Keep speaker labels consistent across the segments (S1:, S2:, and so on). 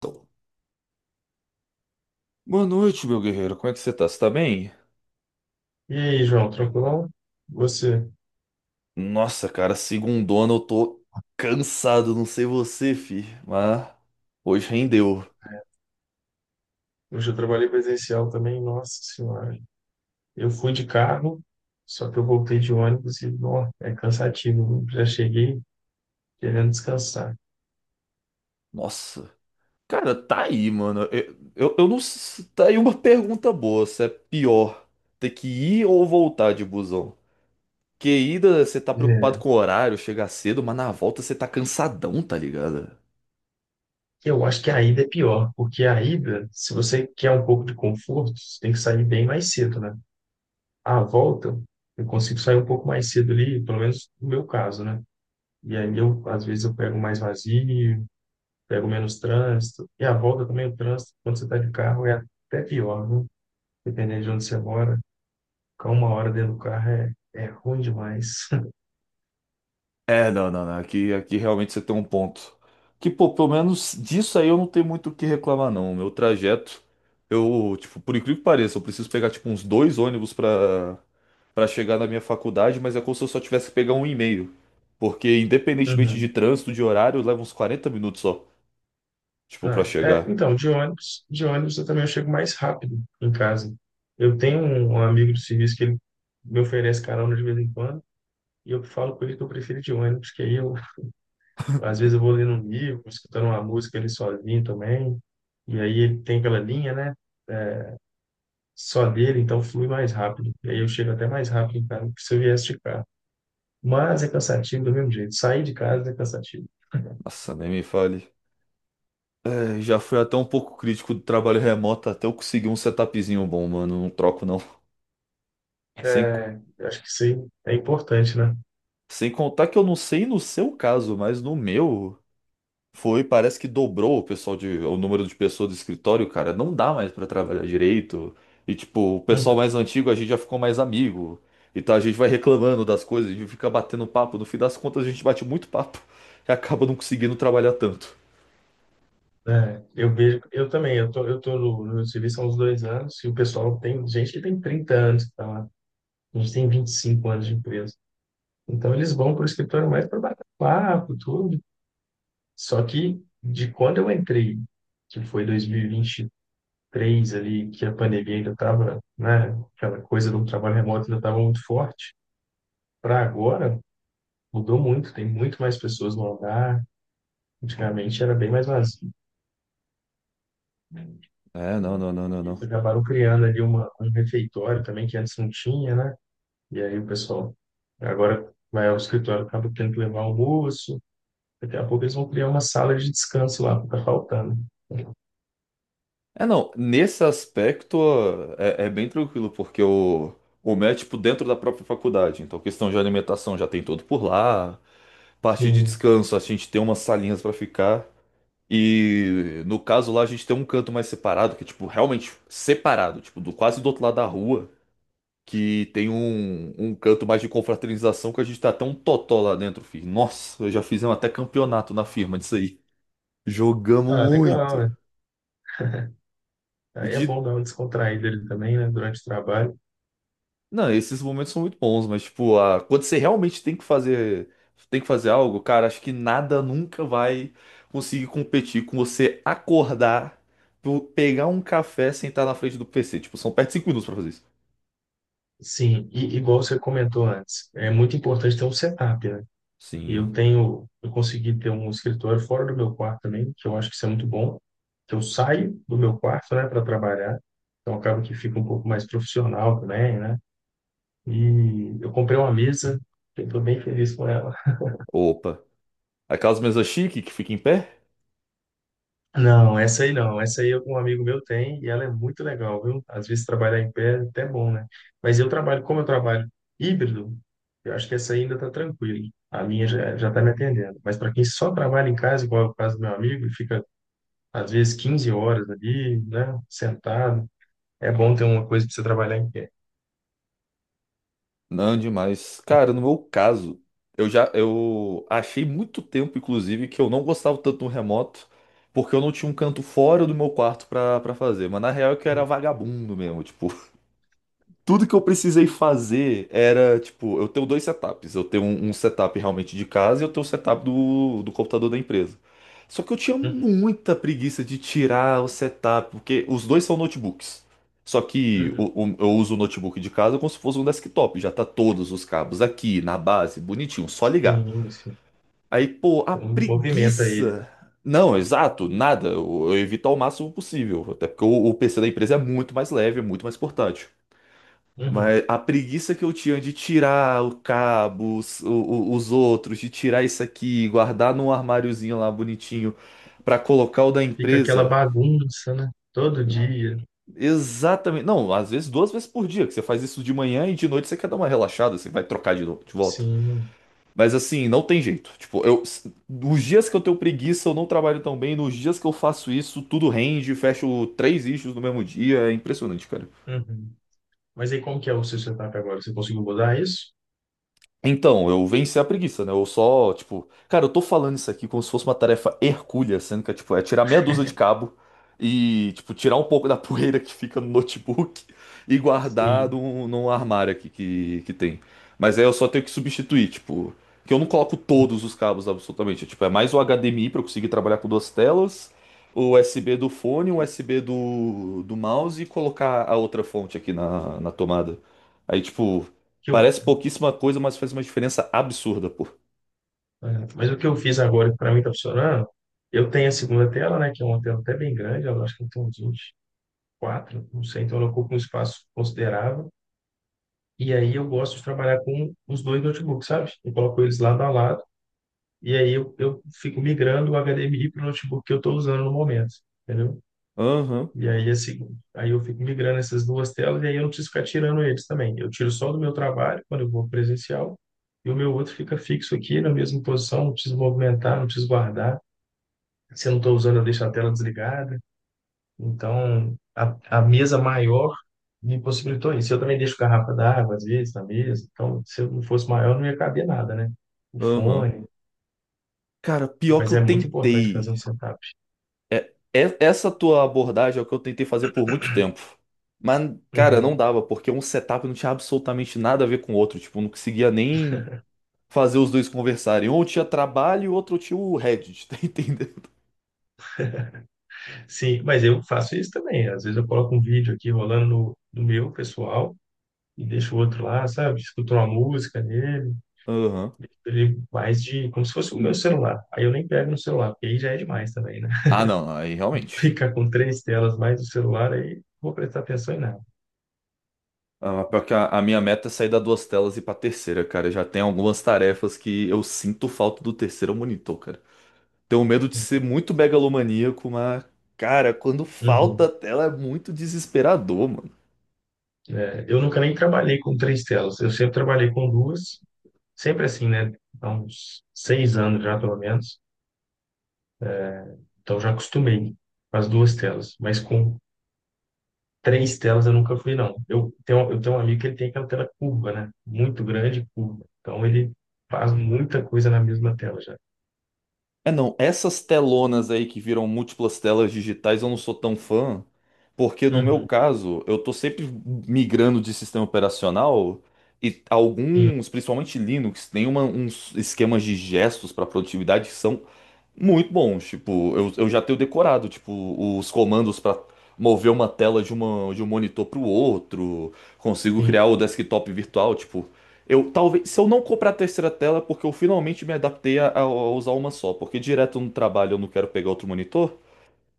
S1: Então, boa noite, meu guerreiro. Como é que você tá? Você tá bem?
S2: E aí, João, tranquilão? Você?
S1: Nossa, cara, segundona eu tô cansado, não sei você, fi, mas hoje rendeu.
S2: Hoje eu trabalhei presencial também, nossa senhora. Eu fui de carro, só que eu voltei de ônibus e, ó, é cansativo. Já cheguei querendo descansar.
S1: Nossa. Cara, tá aí, mano. Eu não. Tá aí uma pergunta boa, se é pior ter que ir ou voltar de busão? Porque ida você tá preocupado
S2: É,
S1: com o horário, chegar cedo, mas na volta você tá cansadão, tá ligado?
S2: eu acho que a ida é pior, porque a ida, se você quer um pouco de conforto, você tem que sair bem mais cedo, né? A volta, eu consigo sair um pouco mais cedo ali, pelo menos no meu caso, né? E aí eu, às vezes, eu pego mais vazio, pego menos trânsito. E a volta também, o trânsito, quando você está de carro, é até pior, viu? Dependendo de onde você mora, ficar uma hora dentro do carro é ruim demais.
S1: É, não, não, não. Aqui, aqui realmente você tem um ponto. Que, pô, pelo menos disso aí eu não tenho muito o que reclamar, não. O meu trajeto, eu, tipo, por incrível que pareça, eu preciso pegar, tipo, uns dois ônibus pra chegar na minha faculdade, mas é como se eu só tivesse que pegar um e meio. Porque, independentemente de
S2: Uhum.
S1: trânsito, de horário, leva uns 40 minutos só, tipo, pra
S2: Ah, é,
S1: chegar.
S2: então, de ônibus eu também chego mais rápido em casa. Eu tenho um amigo do serviço que ele me oferece carona de vez em quando, e eu falo com ele que eu prefiro de ônibus, que aí eu, às vezes eu vou lendo um livro, escutando uma música ali sozinho também, e aí ele tem aquela linha, né? É, só dele, então flui mais rápido. E aí eu chego até mais rápido em casa do que se eu viesse de carro. Mas é cansativo do mesmo jeito. Sair de casa é cansativo.
S1: Nossa, nem me fale. É, já fui até um pouco crítico do trabalho remoto até eu conseguir um setupzinho bom, mano. Não troco, não. Sem,
S2: É, eu acho que isso aí é importante, né?
S1: Sem contar que eu não sei no seu caso, mas no meu foi, parece que dobrou o pessoal de, o número de pessoas do escritório, cara. Não dá mais pra trabalhar direito. E tipo, o pessoal
S2: Uhum.
S1: mais antigo a gente já ficou mais amigo. Então a gente vai reclamando das coisas, a gente fica batendo papo. No fim das contas a gente bate muito papo e acaba não conseguindo trabalhar tanto.
S2: É, eu vejo, eu também, eu tô no serviço há uns 2 anos e o pessoal tem gente que tem 30 anos que tá lá. A gente tem 25 anos de empresa. Então eles vão para o escritório mais para bater papo, tudo. Só que de quando eu entrei, que foi 2021 três ali, que a pandemia ainda estava, né, aquela coisa do trabalho remoto ainda estava muito forte, para agora mudou muito, tem muito mais pessoas no hangar, antigamente era bem mais vazio. Né.
S1: É, não, não, não, não,
S2: Eles
S1: não.
S2: acabaram criando ali um refeitório também, que antes não tinha, né? E aí o pessoal agora vai ao escritório, acaba tendo que levar almoço, daqui a pouco eles vão criar uma sala de descanso lá, porque tá faltando.
S1: É, não, nesse aspecto ó, é, é bem tranquilo, porque o MEC, tipo, dentro da própria faculdade. Então, questão de alimentação já tem tudo por lá. Parte de
S2: Sim.
S1: descanso, a gente tem umas salinhas pra ficar. E no caso lá a gente tem um canto mais separado, que é tipo realmente separado, tipo do quase do outro lado da rua, que tem um canto mais de confraternização que a gente tá até um totó lá dentro, filho. Nossa, eu já fizemos até campeonato na firma disso aí. Jogamos
S2: Ah, legal,
S1: muito.
S2: né? Aí é
S1: De
S2: bom dar uma descontraída ali também, né, durante o trabalho.
S1: Não, esses momentos são muito bons, mas tipo, quando você realmente tem que fazer algo, cara, acho que nada nunca vai conseguir competir com você acordar, tu pegar um café, sentar na frente do PC. Tipo, são perto de 5 minutos pra fazer isso.
S2: Sim, e igual você comentou antes, é muito importante ter um setup, né? Eu
S1: Sim.
S2: tenho, eu consegui ter um escritório fora do meu quarto também, que eu acho que isso é muito bom, que eu saio do meu quarto, né, para trabalhar, então acaba que fica um pouco mais profissional também, né? E eu comprei uma mesa, eu estou bem feliz com ela.
S1: Opa. Aquelas mesas chique que fica em pé?
S2: Não, essa aí não. Essa aí um amigo meu tem e ela é muito legal, viu? Às vezes trabalhar em pé é até bom, né? Mas eu trabalho, como eu trabalho híbrido, eu acho que essa aí ainda tá tranquila. A minha já, já tá me atendendo. Mas para quem só trabalha em casa, igual é o caso do meu amigo, e fica às vezes 15 horas ali, né? Sentado, é bom ter uma coisa para você trabalhar em pé.
S1: Não, demais. Cara, no meu caso, eu já eu achei muito tempo, inclusive, que eu não gostava tanto do remoto. Porque eu não tinha um canto fora do meu quarto pra fazer. Mas na real é que eu era vagabundo mesmo. Tipo, tudo que eu precisei fazer era, tipo, eu tenho dois setups. Eu tenho um setup realmente de casa e eu tenho o setup do computador da empresa. Só que eu tinha
S2: Uhum,
S1: muita preguiça de tirar o setup, porque os dois são notebooks. Só que
S2: uhum.
S1: eu uso o notebook de casa como se fosse um desktop. Já tá todos os cabos aqui, na base, bonitinho, só ligar.
S2: Sim, sim.
S1: Aí, pô, a
S2: Você não movimenta ele, né?
S1: preguiça. Não, exato, nada. Eu evito ao máximo possível. Até porque o PC da empresa é muito mais leve, é muito mais portátil.
S2: Uhum.
S1: Mas a preguiça que eu tinha de tirar o cabo, os, os outros, de tirar isso aqui, guardar num armáriozinho lá bonitinho pra colocar o da
S2: Fica aquela
S1: empresa.
S2: bagunça, né? Todo dia.
S1: Exatamente. Não, às vezes duas vezes por dia, que você faz isso de manhã e de noite você quer dar uma relaxada, você vai trocar de, novo, de volta.
S2: Sim.
S1: Mas assim, não tem jeito. Tipo, eu, os dias que eu tenho preguiça, eu não trabalho tão bem. Nos dias que eu faço isso, tudo rende, fecho três issues no mesmo dia. É impressionante, cara.
S2: Uhum. Mas aí como que é o seu setup agora? Você conseguiu mudar isso?
S1: Então, eu venci a preguiça, né? Eu só, tipo, cara, eu tô falando isso aqui como se fosse uma tarefa hercúlea, sendo que é, tipo, é tirar meia dúzia de cabo e, tipo, tirar um pouco da poeira que fica no notebook e guardar
S2: Sim.
S1: num armário aqui que tem. Mas aí eu só tenho que substituir, tipo, que eu não coloco todos os cabos absolutamente. É, tipo, é mais o HDMI pra eu conseguir trabalhar com duas telas, o USB do fone, o
S2: Que
S1: USB do mouse e colocar a outra fonte aqui na tomada. Aí, tipo.
S2: que eu,
S1: Parece pouquíssima coisa, mas faz uma diferença absurda, pô.
S2: é, mas o que eu fiz agora, que para mim tá funcionando, eu tenho a segunda tela, né, que é uma tela até bem grande, eu acho que tem uns 24, não sei, então ela ocupa um espaço considerável. E aí eu gosto de trabalhar com os dois notebooks, sabe? Eu coloco eles lado a lado, e aí eu fico migrando o HDMI para o notebook que eu estou usando no momento, entendeu?
S1: Aham,
S2: E aí, assim, aí eu fico migrando essas duas telas e aí eu não preciso ficar tirando eles também. Eu tiro só do meu trabalho, quando eu vou presencial, e o meu outro fica fixo aqui na mesma posição, não preciso movimentar, não preciso guardar. Se eu não estou usando, eu deixo a tela desligada. Então, a mesa maior me possibilitou isso. Eu também deixo garrafa d'água, às vezes, na mesa. Então, se eu não fosse maior, não ia caber nada, né? O
S1: aham.
S2: fone.
S1: Cara, pior que
S2: Mas
S1: eu
S2: é muito importante fazer
S1: tentei.
S2: um setup.
S1: É, essa tua abordagem é o que eu tentei fazer por muito tempo. Mas, cara, não
S2: Uhum.
S1: dava, porque um setup não tinha absolutamente nada a ver com o outro. Tipo, eu não conseguia nem fazer os dois conversarem. Um tinha trabalho e o outro tinha o Reddit, tá entendendo?
S2: Sim, mas eu faço isso também. Às vezes eu coloco um vídeo aqui rolando no meu pessoal e deixo o outro lá, sabe? Escuto uma música nele,
S1: Aham.
S2: ele mais de como se fosse o meu celular. Aí eu nem pego no celular, porque aí já é demais também, né?
S1: Ah, não, aí realmente.
S2: Ficar com três telas mais no celular, aí não vou prestar atenção em nada.
S1: Ah, mas pior que a minha meta é sair da duas telas e ir pra terceira, cara. Já tem algumas tarefas que eu sinto falta do terceiro monitor, cara. Tenho medo de ser muito megalomaníaco, mas, cara, quando falta a
S2: Uhum.
S1: tela é muito desesperador, mano.
S2: É, eu nunca nem trabalhei com três telas. Eu sempre trabalhei com duas, sempre assim, né? Há uns 6 anos já, pelo menos. Então já acostumei com as duas telas, mas com três telas eu nunca fui, não. Eu tenho um amigo que ele tem aquela tela curva, né? Muito grande, curva. Então ele faz muita coisa na mesma tela já.
S1: É não, essas telonas aí que viram múltiplas telas digitais eu não sou tão fã, porque no meu
S2: Uhum.
S1: caso eu tô sempre migrando de sistema operacional e
S2: Sim,
S1: alguns, principalmente Linux, tem uns esquemas de gestos para produtividade que são muito bons. Tipo, eu já tenho decorado, tipo, os comandos para mover uma tela de, uma, de um monitor para o outro, consigo
S2: sim.
S1: criar o desktop virtual, tipo. Eu talvez, se eu não comprar a terceira tela, é porque eu finalmente me adaptei a usar uma só, porque direto no trabalho eu não quero pegar outro monitor.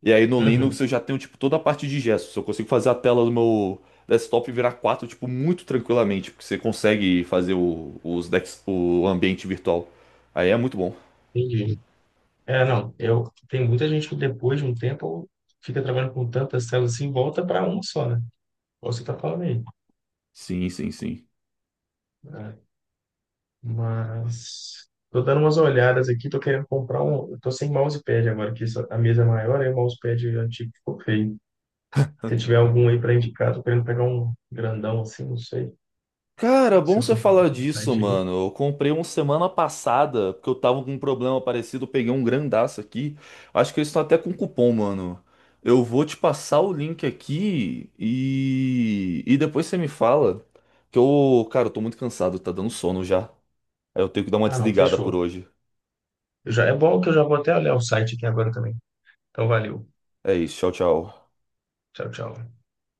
S1: E aí no Linux
S2: Uhum.
S1: eu já tenho tipo toda a parte de gestos. Eu consigo fazer a tela do meu desktop virar 4 tipo, muito tranquilamente, porque você consegue fazer o, os dex, o ambiente virtual. Aí é muito bom.
S2: Entendi. É, não. Eu, tem muita gente que depois de um tempo fica trabalhando com tantas telas assim, volta para uma só, né? Igual você tá falando aí.
S1: Sim, sim, sim.
S2: É, mas tô dando umas olhadas aqui, tô querendo comprar um. Eu tô sem mousepad agora, que a mesa é maior, aí o mousepad antigo ficou feio. Se tiver algum aí para indicar, tô querendo pegar um grandão assim, não sei.
S1: Cara, bom
S2: Se
S1: você
S2: souber de
S1: falar
S2: algum
S1: disso,
S2: site aí.
S1: mano. Eu comprei um semana passada, porque eu tava com um problema parecido, eu peguei um grandaço aqui. Acho que eles estão até com cupom, mano. Eu vou te passar o link aqui e depois você me fala. Que eu, cara, eu tô muito cansado, tá dando sono já. Aí eu tenho que dar uma
S2: Ah, não,
S1: desligada por
S2: fechou.
S1: hoje.
S2: Eu já, é bom que eu já vou até olhar o site aqui agora também. Então, valeu.
S1: É isso, tchau, tchau.
S2: Tchau, tchau.